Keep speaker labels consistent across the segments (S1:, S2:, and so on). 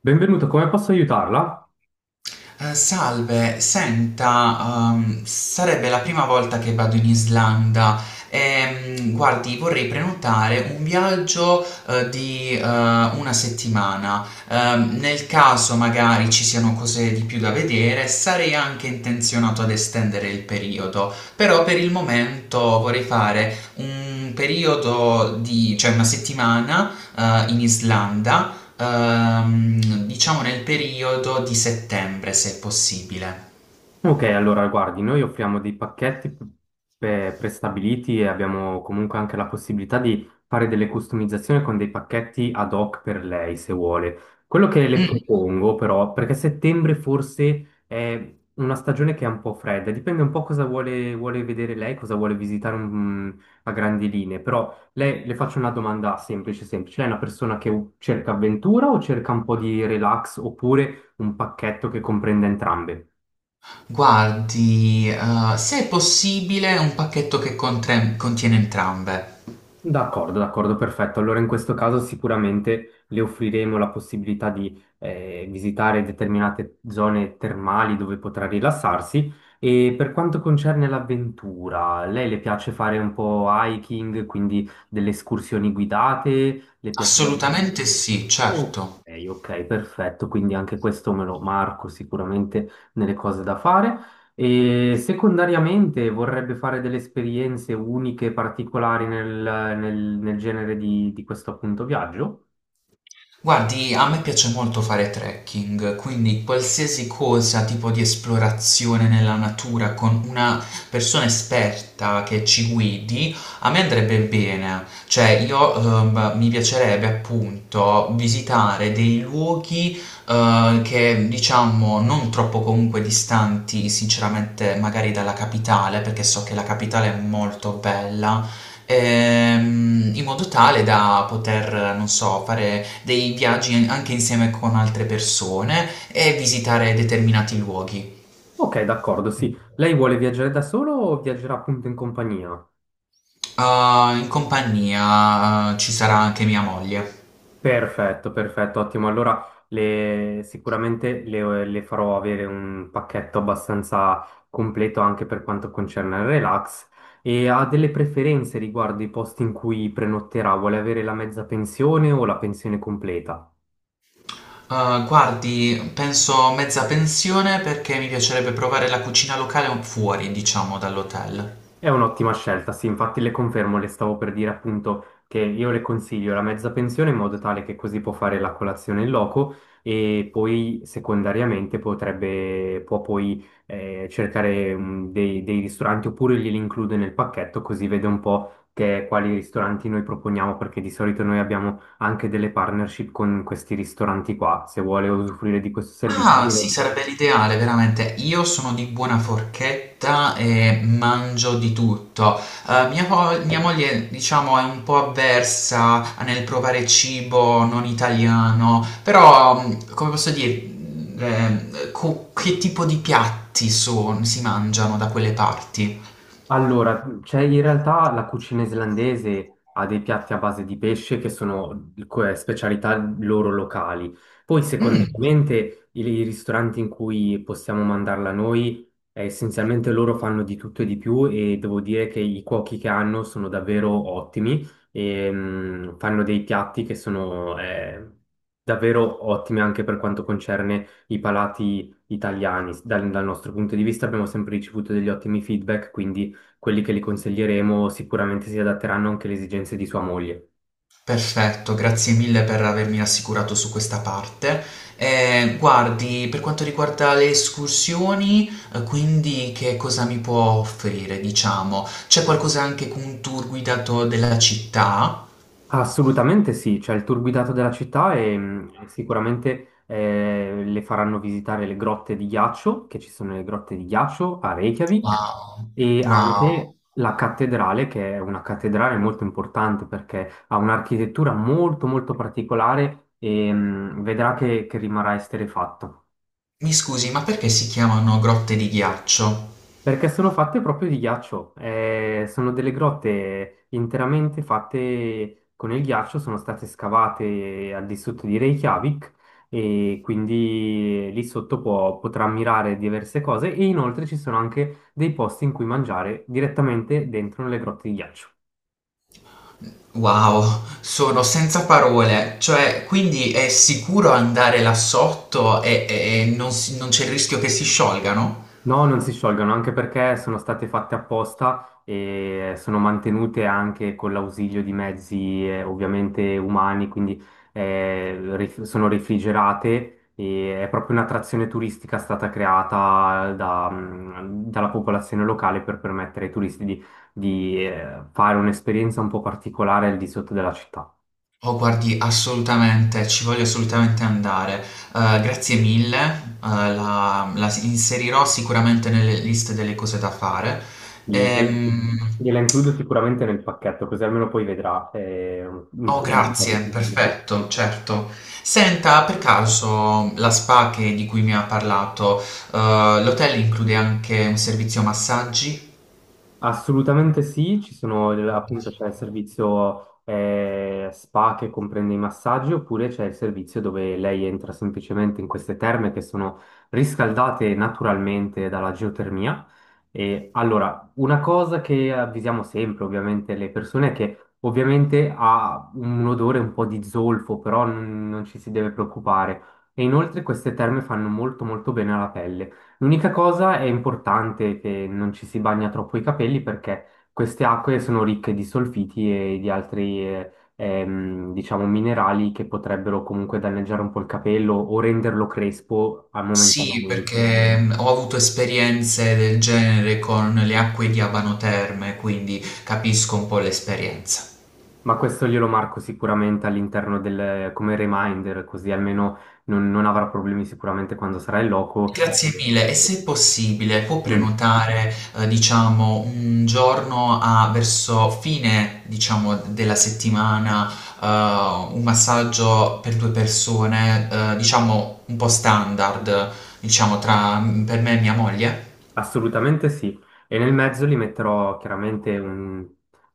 S1: Benvenuta, come posso aiutarla?
S2: Salve, senta, sarebbe la prima volta che vado in Islanda guardi, vorrei prenotare un viaggio, di, una settimana. Nel caso magari ci siano cose di più da vedere, sarei anche intenzionato ad estendere il periodo, però per il momento vorrei fare un periodo di, cioè una settimana, in Islanda. Diciamo nel periodo di settembre, se è possibile.
S1: Ok, allora guardi, noi offriamo dei pacchetti prestabiliti e abbiamo comunque anche la possibilità di fare delle customizzazioni con dei pacchetti ad hoc per lei, se vuole. Quello che le
S2: Mm.
S1: propongo però, perché settembre forse è una stagione che è un po' fredda, dipende un po' cosa vuole, vuole vedere lei, cosa vuole visitare a grandi linee, però lei, le faccio una domanda semplice, semplice. Lei è una persona che cerca avventura o cerca un po' di relax oppure un pacchetto che comprende entrambe?
S2: Guardi, se è possibile, un pacchetto che contiene entrambe.
S1: D'accordo, d'accordo, perfetto. Allora in questo caso sicuramente le offriremo la possibilità di visitare determinate zone termali dove potrà rilassarsi. E per quanto concerne l'avventura, lei le piace fare un po' hiking, quindi delle escursioni guidate? Le piacerebbe?
S2: Assolutamente sì,
S1: Oh,
S2: certo.
S1: ok, ok, perfetto, quindi anche questo me lo marco sicuramente nelle cose da fare. E secondariamente vorrebbe fare delle esperienze uniche, particolari nel, nel genere di questo appunto viaggio?
S2: Guardi, a me piace molto fare trekking, quindi qualsiasi cosa, tipo di esplorazione nella natura con una persona esperta che ci guidi, a me andrebbe bene. Cioè, io mi piacerebbe appunto visitare dei luoghi che diciamo non troppo comunque distanti, sinceramente, magari dalla capitale, perché so che la capitale è molto bella, in modo tale da poter, non so, fare dei viaggi anche insieme con altre persone e visitare determinati luoghi.
S1: Ok, d'accordo, sì. Lei vuole viaggiare da solo o viaggerà appunto in compagnia?
S2: Ah, in compagnia, ah, ci sarà anche mia moglie.
S1: Perfetto, perfetto, ottimo. Allora sicuramente le farò avere un pacchetto abbastanza completo anche per quanto concerne il relax e ha delle preferenze riguardo i posti in cui prenotterà, vuole avere la mezza pensione o la pensione completa?
S2: Ah, guardi, penso mezza pensione perché mi piacerebbe provare la cucina locale fuori, diciamo, dall'hotel.
S1: È un'ottima scelta, sì, infatti le confermo, le stavo per dire appunto che io le consiglio la mezza pensione in modo tale che così può fare la colazione in loco e poi secondariamente potrebbe, può poi cercare dei, dei ristoranti oppure glieli include nel pacchetto così vede un po' che, quali ristoranti noi proponiamo perché di solito noi abbiamo anche delle partnership con questi ristoranti qua, se vuole usufruire di questo servizio.
S2: Ah, sì, sarebbe l'ideale, veramente. Io sono di buona forchetta e mangio di tutto. Mia moglie, diciamo, è un po' avversa nel provare cibo non italiano, però, come posso dire, mh, che tipo di si mangiano da quelle parti?
S1: Allora, cioè in realtà la cucina islandese ha dei piatti a base di pesce che sono specialità loro locali. Poi,
S2: Mm.
S1: secondariamente, i ristoranti in cui possiamo mandarla noi, essenzialmente loro fanno di tutto e di più e devo dire che i cuochi che hanno sono davvero ottimi e fanno dei piatti che sono davvero ottimi anche per quanto concerne i palati italiani. Dal, dal nostro punto di vista abbiamo sempre ricevuto degli ottimi feedback, quindi quelli che gli consiglieremo sicuramente si adatteranno anche alle esigenze di sua moglie.
S2: Perfetto, grazie mille per avermi rassicurato su questa parte. Guardi, per quanto riguarda le escursioni, quindi che cosa mi può offrire, diciamo? C'è qualcosa anche con un tour guidato della città?
S1: Assolutamente sì, c'è il tour guidato della città e sicuramente le faranno visitare le grotte di ghiaccio, che ci sono le grotte di ghiaccio a Reykjavik,
S2: Wow,
S1: e
S2: wow.
S1: anche la cattedrale, che è una cattedrale molto importante perché ha un'architettura molto molto particolare e vedrà che rimarrà esterrefatto.
S2: Mi scusi, ma perché si chiamano grotte di ghiaccio?
S1: Perché sono fatte proprio di ghiaccio, sono delle grotte interamente fatte con il ghiaccio, sono state scavate al di sotto di Reykjavik e quindi lì sotto potrà ammirare diverse cose e inoltre ci sono anche dei posti in cui mangiare direttamente dentro le grotte di ghiaccio.
S2: Wow, sono senza parole. Cioè, quindi è sicuro andare là sotto e, e non c'è il rischio che si sciolgano?
S1: No, non si sciolgono, anche perché sono state fatte apposta e sono mantenute anche con l'ausilio di mezzi ovviamente umani, quindi sono refrigerate e è proprio un'attrazione turistica stata creata da, dalla popolazione locale per permettere ai turisti di, di fare un'esperienza un po' particolare al di sotto della città.
S2: Oh, guardi, assolutamente, ci voglio assolutamente andare. Grazie mille, inserirò sicuramente nelle liste delle cose da fare.
S1: Gliela
S2: Ehm,
S1: gliela includo sicuramente nel pacchetto, così almeno poi vedrà. Un-
S2: oh, grazie, perfetto, certo. Senta, per caso la di cui mi ha parlato, l'hotel include anche un servizio massaggi?
S1: Assolutamente sì, ci sono appunto c'è il servizio spa che comprende i massaggi oppure c'è il servizio dove lei entra semplicemente in queste terme che sono riscaldate naturalmente dalla geotermia. E allora, una cosa che avvisiamo sempre ovviamente le persone è che ovviamente ha un odore un po' di zolfo, però non ci si deve preoccupare. E inoltre queste terme fanno molto molto bene alla pelle. L'unica cosa è importante che non ci si bagna troppo i capelli perché queste acque sono ricche di solfiti e di altri, diciamo, minerali che potrebbero comunque danneggiare un po' il capello o renderlo crespo
S2: Sì,
S1: momentaneamente.
S2: perché ho avuto esperienze del genere con le acque di Abano Terme, quindi capisco un po' l'esperienza.
S1: Ma questo glielo marco sicuramente all'interno del, come reminder, così almeno non avrà problemi sicuramente quando sarà in loco.
S2: Grazie mille e se possibile può
S1: Mm.
S2: prenotare, diciamo, un giorno a verso fine, diciamo, della settimana, un massaggio per 2 persone, diciamo un po' standard, diciamo tra, per me e mia moglie?
S1: Assolutamente sì, e nel mezzo li metterò chiaramente un-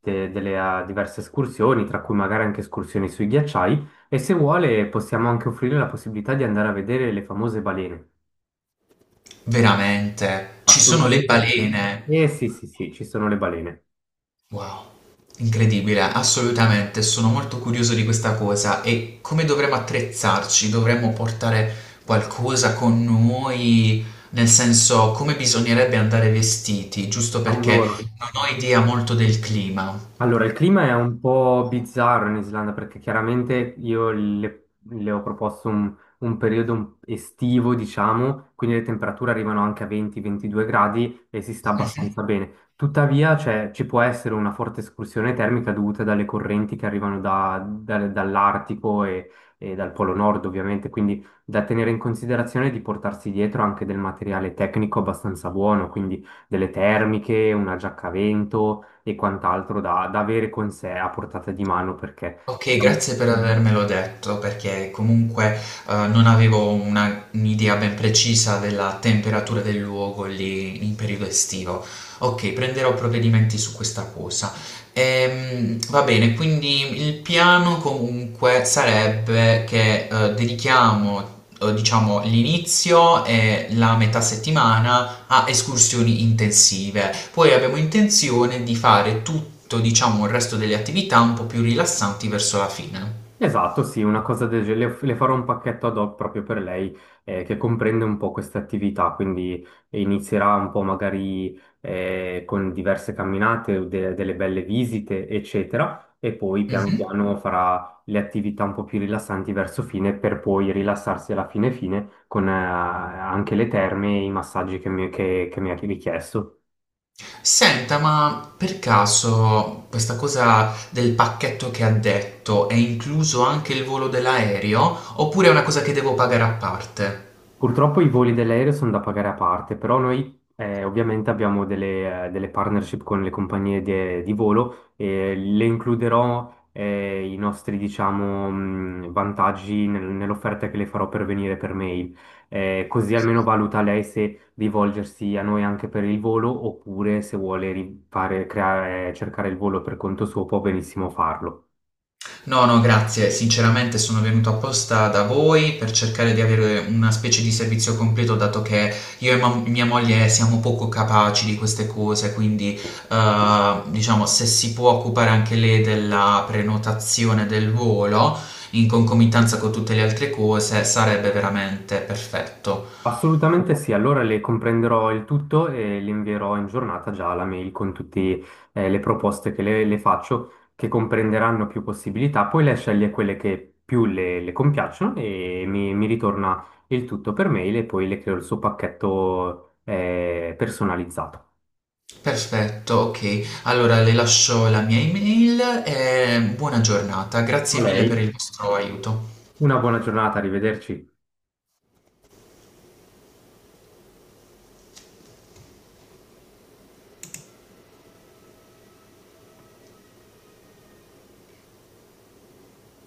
S1: de- delle ah, diverse escursioni, tra cui magari anche escursioni sui ghiacciai, e se vuole possiamo anche offrire la possibilità di andare a vedere le famose balene.
S2: Veramente, ci sono le
S1: Assolutamente sì.
S2: balene.
S1: Eh sì, sì, sì, ci sono le balene.
S2: Wow, incredibile, assolutamente, sono molto curioso di questa cosa e come dovremmo attrezzarci? Dovremmo portare qualcosa con noi, nel senso come bisognerebbe andare vestiti, giusto perché
S1: Allora.
S2: non ho idea molto del clima.
S1: Allora, il clima è un po' bizzarro in Islanda perché chiaramente io le ho proposto un periodo estivo, diciamo, quindi le temperature arrivano anche a 20-22 gradi e si sta
S2: Mhm.
S1: abbastanza bene. Tuttavia, cioè, ci può essere una forte escursione termica dovuta dalle correnti che arrivano dall'Artico e dal Polo Nord, ovviamente, quindi da tenere in considerazione di portarsi dietro anche del materiale tecnico abbastanza buono, quindi delle termiche, una giacca a vento e quant'altro da, da avere con sé a portata di mano perché
S2: Okay,
S1: diciamo...
S2: grazie per avermelo detto, perché comunque, non avevo una un'idea ben precisa della temperatura del luogo lì in periodo estivo. Okay, prenderò provvedimenti su questa cosa. Va bene, quindi il piano comunque sarebbe che, dedichiamo, diciamo l'inizio e la metà settimana a escursioni intensive. Poi abbiamo intenzione di fare tutto, diciamo, il resto delle attività un po' più rilassanti verso la fine.
S1: Esatto, sì, una cosa del genere. Le farò un pacchetto ad hoc proprio per lei che comprende un po' queste attività, quindi inizierà un po' magari con diverse camminate, delle belle visite, eccetera, e poi piano
S2: Mh-mh.
S1: piano farà le attività un po' più rilassanti verso fine per poi rilassarsi alla fine fine con anche le terme e i massaggi che mi ha richiesto.
S2: Senta, ma per caso questa cosa del pacchetto che ha detto è incluso anche il volo dell'aereo oppure è una cosa che devo pagare a parte?
S1: Purtroppo i voli dell'aereo sono da pagare a parte, però noi ovviamente abbiamo delle, delle partnership con le compagnie di volo e le includerò i nostri, diciamo, vantaggi nell'offerta che le farò per venire per mail. Così almeno valuta lei se rivolgersi a noi anche per il volo oppure se vuole cercare il volo per conto suo può benissimo farlo.
S2: No, no, grazie. Sinceramente sono venuto apposta da voi per cercare di avere una specie di servizio completo, dato che io e mia moglie siamo poco capaci di queste cose, quindi diciamo se si può occupare anche lei della prenotazione del volo in concomitanza con tutte le altre cose, sarebbe veramente perfetto.
S1: Assolutamente sì, allora le comprenderò il tutto e le invierò in giornata già la mail con tutte le proposte che le faccio, che comprenderanno più possibilità. Poi lei sceglie quelle che più le compiacciono e mi ritorna il tutto per mail e poi le creo il suo pacchetto personalizzato.
S2: Perfetto, ok. Allora le lascio la mia email e buona giornata.
S1: A
S2: Grazie mille per
S1: lei,
S2: il vostro aiuto.
S1: una buona giornata, arrivederci.